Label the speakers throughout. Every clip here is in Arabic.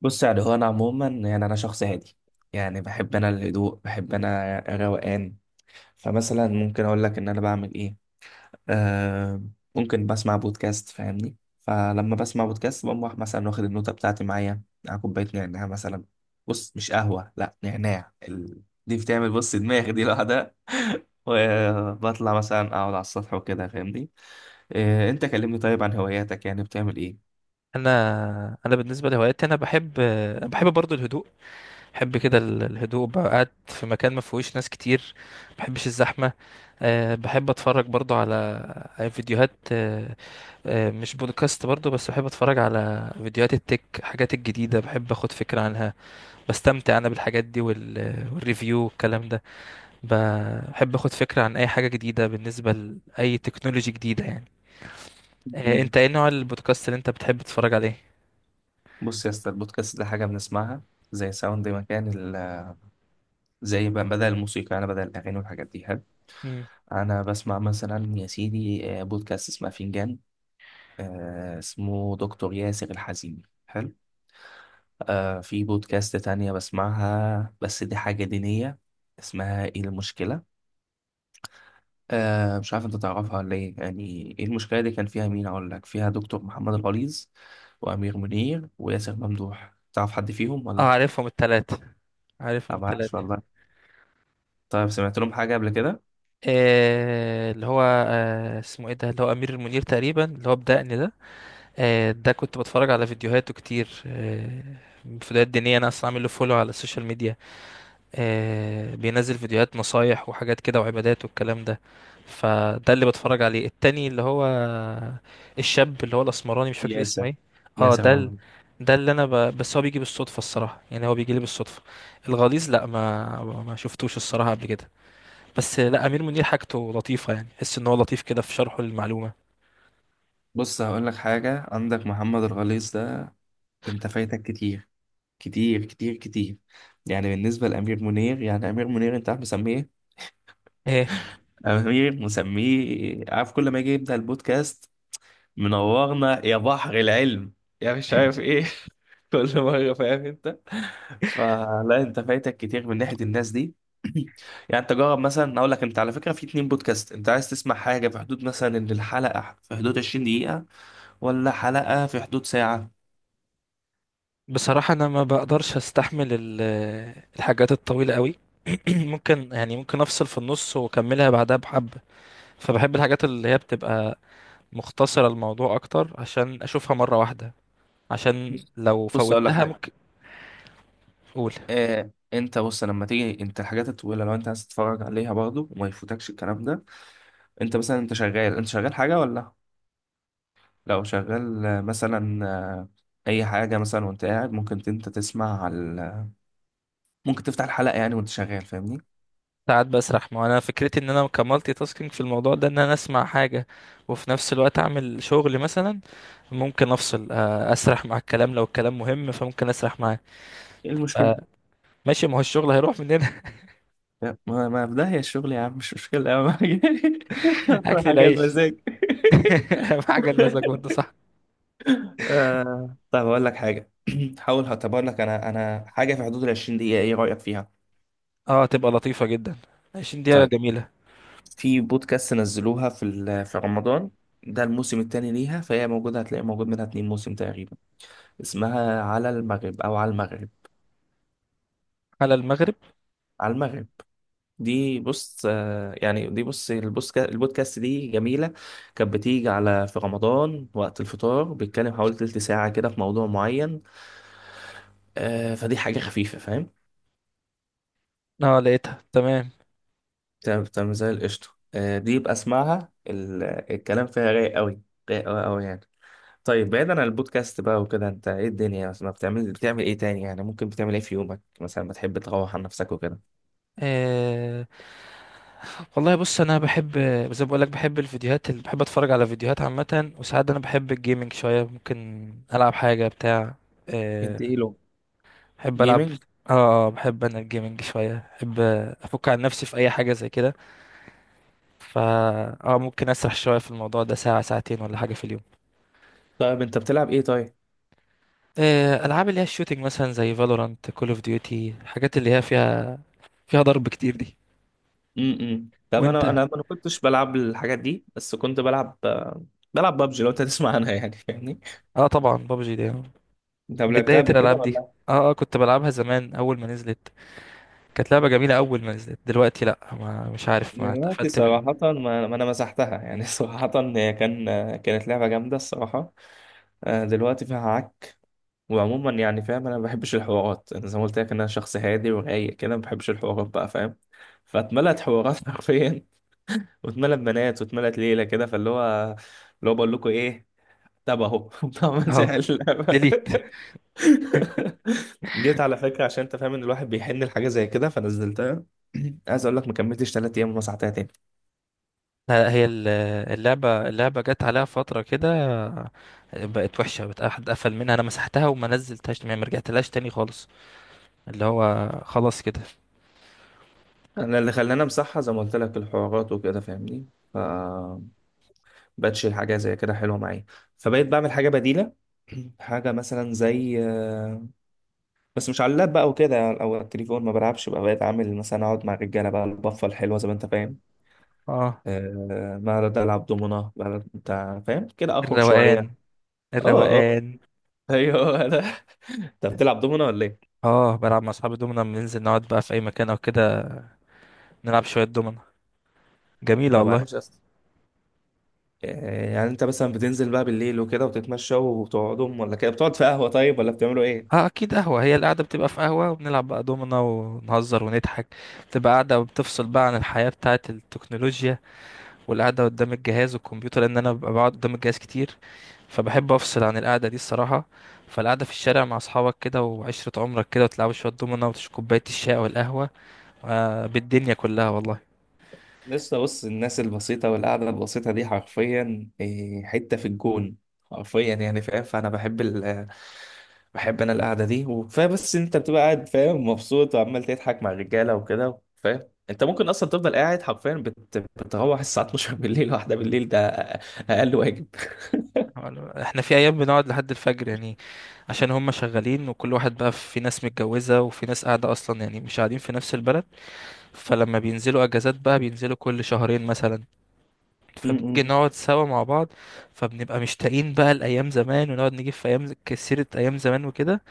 Speaker 1: بص، يعني هو انا عموما، يعني انا شخص هادي. يعني بحب انا الهدوء، بحب انا الروقان. فمثلا ممكن اقول لك ان انا بعمل ايه. آه ممكن بسمع بودكاست، فاهمني. فلما بسمع بودكاست بقوم رايح مثلا واخد النوتة بتاعتي معايا على كوباية نعناع مثلا. بص، مش قهوة، لا، نعناع. دي بتعمل، بص، دماغ دي لوحدها. وبطلع مثلا اقعد على السطح وكده، فاهمني. آه، انت كلمني طيب عن هواياتك، يعني بتعمل
Speaker 2: انا بالنسبه لهواياتي انا بحب برضو الهدوء. بحب كده الهدوء، بقى قاعد في مكان ما فيهوش ناس كتير. ما بحبش الزحمه. بحب اتفرج برضو على فيديوهات. أه أه مش بودكاست برضو، بس بحب اتفرج على فيديوهات التك، حاجات الجديده بحب اخد فكره عنها. بستمتع انا بالحاجات دي والريفيو والكلام ده. بحب اخد فكره عن اي حاجه جديده بالنسبه لاي تكنولوجي جديده يعني. أه،
Speaker 1: ايه؟
Speaker 2: انت ايه نوع البودكاست اللي انت بتحب تتفرج عليه؟
Speaker 1: بص يا اسطى، البودكاست ده حاجة بنسمعها زي ساوند مكان. ال... زي بدل الموسيقى، أنا بدل الأغاني والحاجات دي، حلو. أنا بسمع مثلا، يا سيدي، بودكاست اسمه فنجان، اسمه دكتور ياسر الحزيمي، حلو. في بودكاست تانية بسمعها، بس دي حاجة دينية، اسمها إيه المشكلة. مش عارف أنت تعرفها ولا إيه. يعني إيه المشكلة دي، كان فيها مين؟ أقول لك فيها دكتور محمد الغليظ وأمير منير وياسر ممدوح، تعرف حد فيهم
Speaker 2: اه،
Speaker 1: ولا؟
Speaker 2: عارفهم التلاتة،
Speaker 1: لا،
Speaker 2: عارفهم
Speaker 1: معرفش
Speaker 2: التلاتة
Speaker 1: والله. طيب، سمعت لهم حاجة قبل كده؟
Speaker 2: آه، اللي هو اسمه ايه ده، اللي هو أمير المنير تقريبا، اللي هو بدقن ده. آه، ده كنت بتفرج على فيديوهاته كتير، آه، فيديوهات دينية. أنا أصلا عامل له فولو على السوشيال ميديا. آه، بينزل فيديوهات نصايح وحاجات كده وعبادات والكلام ده. فده اللي بتفرج عليه. التاني اللي هو الشاب اللي هو الاسمراني مش فاكر
Speaker 1: ياسر
Speaker 2: اسمه ايه. اه
Speaker 1: ياسر
Speaker 2: ده ال... اه
Speaker 1: ممدوح.
Speaker 2: ده اللي انا بس هو بيجي بالصدفة الصراحة، يعني هو بيجي لي بالصدفة. الغليظ لا، ما شفتوش الصراحة قبل كده. بس لا، امير منير حاجته لطيفة، يعني حس ان هو لطيف كده في شرحه للمعلومة.
Speaker 1: بص، هقول لك حاجة، عندك محمد الغليظ ده انت فايتك كتير، كتير كتير كتير. يعني بالنسبة لأمير منير، يعني أمير منير انت عارف مسميه إيه؟
Speaker 2: ايه،
Speaker 1: أمير مسميه، عارف، كل ما يجي يبدأ البودكاست: منورنا يا بحر العلم، يا مش عارف ايه. كل مره، فاهم انت. فلا، انت فايتك كتير من ناحيه الناس دي. يعني انت جرب، مثلا اقول لك، انت على فكره في اتنين بودكاست. انت عايز تسمع حاجه في حدود مثلا ان الحلقه في حدود 20 دقيقه، ولا حلقه في حدود ساعه؟
Speaker 2: بصراحة انا ما بقدرش استحمل الحاجات الطويلة قوي. ممكن يعني ممكن افصل في النص واكملها بعدها بحبة. فبحب الحاجات اللي هي بتبقى مختصرة الموضوع أكتر عشان أشوفها مرة واحدة، عشان
Speaker 1: بص،
Speaker 2: لو
Speaker 1: بص اقول لك
Speaker 2: فوتها
Speaker 1: حاجه.
Speaker 2: ممكن. أقول.
Speaker 1: آه، انت بص، لما تيجي انت الحاجات الطويله، لو انت عايز تتفرج عليها برضو وما يفوتكش الكلام ده، انت مثلا، انت شغال حاجه ولا؟ لو شغال، مثلا، اي حاجه مثلا وانت قاعد، ممكن انت تسمع على، ممكن تفتح الحلقه يعني وانت شغال، فاهمني؟
Speaker 2: ساعات بسرح، ما هو أنا فكرتي إن أنا كمالتي تاسكينج في الموضوع ده، إن أنا أسمع حاجة وفي نفس الوقت أعمل شغل مثلا. ممكن أفصل، أسرح مع الكلام، لو الكلام مهم فممكن أسرح معاه.
Speaker 1: ايه المشكله؟
Speaker 2: آه، ماشي، ما هو الشغل هيروح مننا.
Speaker 1: لا، ما ما في داهيه الشغل يا عم، مش مشكله، اهم حاجه أهم
Speaker 2: أكل
Speaker 1: حاجه
Speaker 2: العيش.
Speaker 1: المزاج.
Speaker 2: أهم حاجة المزاج برضه، صح.
Speaker 1: طيب اقول لك حاجه. حاول، هعتبر لك انا حاجه في حدود ال 20 دقيقه، ايه رايك فيها؟
Speaker 2: اه، تبقى لطيفة جدا. 20 دقيقة
Speaker 1: طيب،
Speaker 2: جميلة.
Speaker 1: في بودكاست نزلوها في رمضان. ده الموسم الثاني ليها، فهي موجوده، هتلاقي موجود منها اتنين موسم تقريبا. اسمها على المغرب او على المغرب.
Speaker 2: على المغرب.
Speaker 1: على المغرب. دي بص، يعني دي، بص، البودكاست دي جميلة. كانت بتيجي على في رمضان وقت الفطار، بيتكلم حوالي تلت ساعة كده في موضوع معين. فدي حاجة خفيفة، فاهم.
Speaker 2: اه، لقيتها تمام.
Speaker 1: تمام تمام، زي القشطة. دي يبقى اسمعها. الكلام فيها رايق قوي، رايق قوي قوي يعني. طيب، بعيدا عن البودكاست بقى وكده، انت ايه الدنيا مثلا بتعمل ايه تاني؟ يعني ممكن بتعمل ايه في يومك مثلا، بتحب تروح عن نفسك وكده؟
Speaker 2: آه، والله بص انا بحب، زي ما بقول لك بحب الفيديوهات، اللي بحب اتفرج على فيديوهات عامه. وساعات انا بحب الجيمنج شويه، ممكن العب حاجه بتاع. آه،
Speaker 1: اديله.
Speaker 2: بحب العب.
Speaker 1: جيمنج.
Speaker 2: اه. آه، بحب انا الجيمنج شويه، بحب افك عن نفسي في اي حاجه زي كده. فا، اه ممكن اسرح شويه في الموضوع ده ساعه ساعتين ولا حاجه في اليوم.
Speaker 1: طيب، انت بتلعب ايه طيب؟
Speaker 2: آه، العاب اللي هي الشوتينج مثلا، زي فالورانت، كول اوف ديوتي، الحاجات اللي هي فيها ضرب كتير دي.
Speaker 1: طب، انا
Speaker 2: وانت؟
Speaker 1: انا ما كنتش بلعب الحاجات دي، بس كنت بلعب بابجي، لو انت تسمع عنها يعني، فاهمني.
Speaker 2: اه طبعا، بابجي دي آه.
Speaker 1: انت لعبتها
Speaker 2: بدايه
Speaker 1: قبل كده
Speaker 2: الالعاب دي.
Speaker 1: ولا؟
Speaker 2: اه كنت بلعبها زمان اول ما نزلت. كانت لعبة جميلة أول ما نزلت. دلوقتي لأ، ما مش عارف، ما
Speaker 1: دلوقتي
Speaker 2: اتقفلت منها.
Speaker 1: صراحة، ما ما انا مسحتها يعني. صراحة، هي كانت لعبة جامدة الصراحة. دلوقتي فيها عك. وعموما يعني، فاهم، انا ما بحبش الحوارات، انا زي ما قلت لك، انا شخص هادي ورايق كده، ما بحبش الحوارات بقى، فاهم. فاتملت حوارات حرفيا، واتملت بنات، واتملت ليلة كده، فاللي هو اللي هو بقول لكم ايه. طب اهو، طب ما انت
Speaker 2: أهو
Speaker 1: اللعبة.
Speaker 2: ديليت.
Speaker 1: جيت على فكره، عشان انت فاهم ان الواحد بيحن لحاجه زي كده، فنزلتها. عايز اقول لك، ما كملتش 3 ايام ومسحتها تاني.
Speaker 2: لا، اللعبة جت عليها فترة كده، بقت وحشة، بقت أحد قفل منها. أنا مسحتها وما نزلتهاش، ما رجعتلهاش تاني خالص. اللي هو خلاص كده.
Speaker 1: انا اللي خلاني امسحها، زي ما قلت لك، الحوارات وكده، فاهمني. ف بقتش حاجه زي كده حلوه معايا، فبقيت بعمل حاجه بديله. حاجه مثلا زي، بس مش على اللاب بقى وكده، يعني او على التليفون ما بلعبش بقى، بقيت عامل مثلا اقعد مع الرجاله بقى، البفه الحلوه زي ما انت فاهم.
Speaker 2: اه،
Speaker 1: ما أقعد العب دومنه بقى، انت فاهم، كده اخرج شويه.
Speaker 2: الروقان،
Speaker 1: اه، اه.
Speaker 2: الروقان.
Speaker 1: ايوه، هو ده. انت بتلعب دومنا ولا ايه؟
Speaker 2: اه، بلعب مع أصحابي دومنا، بننزل نقعد بقى في أي مكان أو كده، نلعب شوية دومنا. جميلة
Speaker 1: طب،
Speaker 2: والله.
Speaker 1: عايش اصلا، يعني انت مثلا بتنزل بقى بالليل وكده وتتمشى وبتقعدوا، ولا كده بتقعد في قهوة؟ طيب، ولا بتعملوا ايه؟
Speaker 2: اه اكيد قهوة، هي القعدة بتبقى في قهوة وبنلعب بقى دومنا ونهزر ونضحك. بتبقى قاعدة بتفصل بقى عن الحياة بتاعة التكنولوجيا والقعدة قدام الجهاز والكمبيوتر، لان انا ببقى بقعد قدام الجهاز كتير، فبحب افصل عن القعدة دي الصراحة. فالقعدة في الشارع مع اصحابك كده وعشرة عمرك كده وتلعبوا شوية دومنا وتشربوا كوباية الشاي او القهوة، آه بالدنيا كلها والله.
Speaker 1: لسه بص، الناس البسيطة والقعدة البسيطة دي حرفيا إيه، حتة في الجون. حرفيا يعني، فاهم. فأنا بحب بحب أنا القعدة دي وكفاية، بس أنت بتبقى قاعد فاهم، مبسوط وعمال تضحك مع الرجالة وكده، فاهم أنت، ممكن أصلا تفضل قاعد حرفيا، بتروح الساعة 12 بالليل، واحدة بالليل ده. أقل واجب.
Speaker 2: احنا في ايام بنقعد لحد الفجر يعني، عشان هم شغالين وكل واحد بقى، في ناس متجوزة وفي ناس قاعدة اصلا يعني مش قاعدين في نفس البلد. فلما بينزلوا اجازات بقى، بينزلوا كل شهرين مثلا، فبنيجي نقعد سوا مع بعض. فبنبقى مشتاقين بقى لايام زمان، ونقعد نجيب في ايام كسيرة ايام زمان وكده.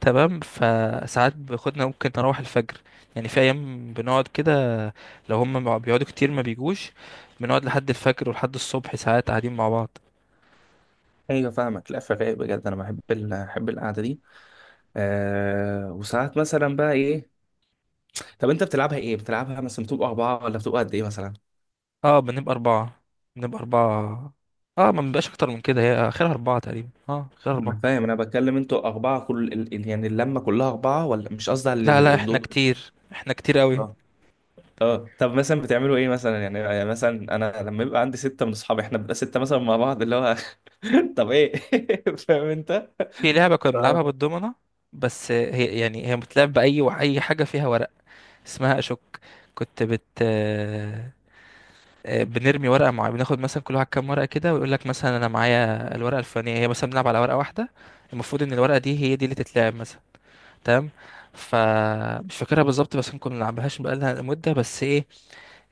Speaker 2: تمام، فساعات باخدنا ممكن نروح الفجر، يعني في ايام بنقعد كده. لو هم بيقعدوا كتير ما بيجوش، بنقعد لحد الفجر ولحد الصبح ساعات قاعدين مع بعض.
Speaker 1: ايوه فاهمك، لا، فرايق بجد، انا بحب بحب القعده دي. وساعات مثلا بقى ايه. طب انت بتلعبها ايه، بتلعبها مثلا بتبقى اربعه، ولا بتبقى قد ايه مثلا؟
Speaker 2: اه، بنبقى اربعة. اه، ما بنبقاش اكتر من كده، هي اخرها اربعة تقريبا، اه اخرها
Speaker 1: انا
Speaker 2: اربعة.
Speaker 1: فاهم، انا بتكلم انتوا اربعه كل يعني اللمه كلها اربعه، ولا مش قصدي على
Speaker 2: لا لا، احنا
Speaker 1: الدور.
Speaker 2: كتير احنا كتير قوي.
Speaker 1: اه، اه. طب مثلا بتعملوا ايه مثلا يعني مثلا انا لما يبقى عندي سته من اصحابي، احنا بنبقى سته مثلا مع بعض، اللي هو طب ايه. فاهم انت.
Speaker 2: في لعبة كنا
Speaker 1: ف-
Speaker 2: بنلعبها بالدومنة، بس هي يعني هي بتلعب بأي حاجة فيها ورق، اسمها أشك. كنت بت آه، آه، بنرمي ورقة معينة، بناخد مثلا كل واحد كام ورقة كده، ويقول لك مثلا أنا معايا الورقة الفلانية. هي مثلا بنلعب على ورقة واحدة، المفروض إن الورقة دي هي دي اللي تتلعب مثلا. تمام. فمش فاكرها بالظبط، بس ممكن ما نلعبهاش بقالها مدة. بس إيه،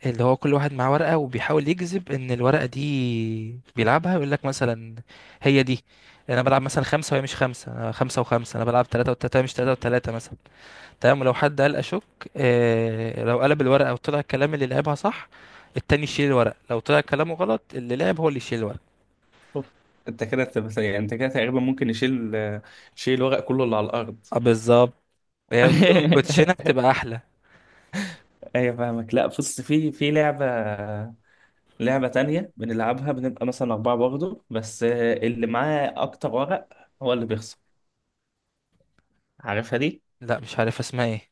Speaker 2: اللي هو كل واحد معاه ورقة وبيحاول يجذب ان الورقة دي بيلعبها. يقول لك مثلا هي دي، انا بلعب مثلا خمسة وهي مش خمسة، انا خمسة وخمسة، انا بلعب ثلاثة وثلاثة وهي مش ثلاثة وثلاثة مثلا. تمام. ولو حد قال اشك، آه، لو قلب الورقة وطلع الكلام اللي لعبها صح، التاني يشيل الورقة. لو طلع كلامه غلط، اللي لعب هو اللي يشيل الورقة.
Speaker 1: أوف. انت كده يعني انت كده تقريبا ممكن شيل الورق كله اللي على الارض.
Speaker 2: اه بالظبط. هي بتبقى كوتشينة بتبقى احلى.
Speaker 1: ايوه فاهمك، لا بص، في لعبة تانية بنلعبها، بنبقى مثلا أربعة برضه، بس اللي معاه أكتر ورق هو اللي بيخسر. عارفها دي؟
Speaker 2: لا مش عارف اسمها ايه.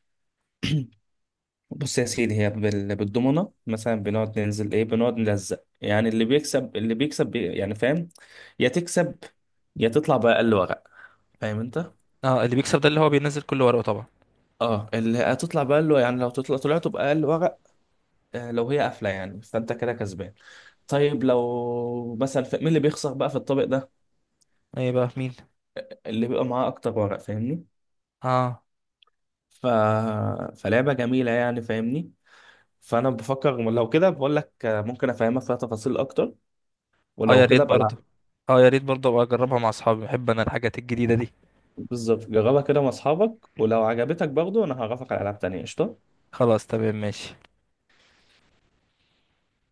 Speaker 1: بص يا سيدي، هي بالضمنة مثلا، بنقعد ننزل إيه، بنقعد نلزق، يعني اللي بيكسب بي يعني، فاهم؟ يا تكسب يا تطلع بأقل ورق، فاهم أنت؟
Speaker 2: اه اللي بيكسب ده اللي هو بينزل كل ورقه طبعا.
Speaker 1: اه، اللي هتطلع بأقل يعني، لو طلعت بأقل ورق. لو هي قافلة يعني، فأنت كده كسبان. طيب، لو مثلا مين اللي بيخسر بقى في الطابق ده؟
Speaker 2: ايه بقى مين.
Speaker 1: اللي بيبقى معاه اكتر ورق، فاهمني.
Speaker 2: اه.
Speaker 1: ف... فلعبة جميلة يعني، فاهمني. فانا بفكر، لو كده بقول لك ممكن افهمك فيها تفاصيل اكتر،
Speaker 2: اه يا
Speaker 1: ولو
Speaker 2: ريت
Speaker 1: كده بلعب.
Speaker 2: برضه اه يا ريت برضه ابقى اجربها مع اصحابي، بحب انا الحاجات الجديدة دي.
Speaker 1: بالظبط، جربها كده مع اصحابك ولو عجبتك برضو، انا هعرفك على العاب تانية قشطة.
Speaker 2: خلاص تمام، ماشي.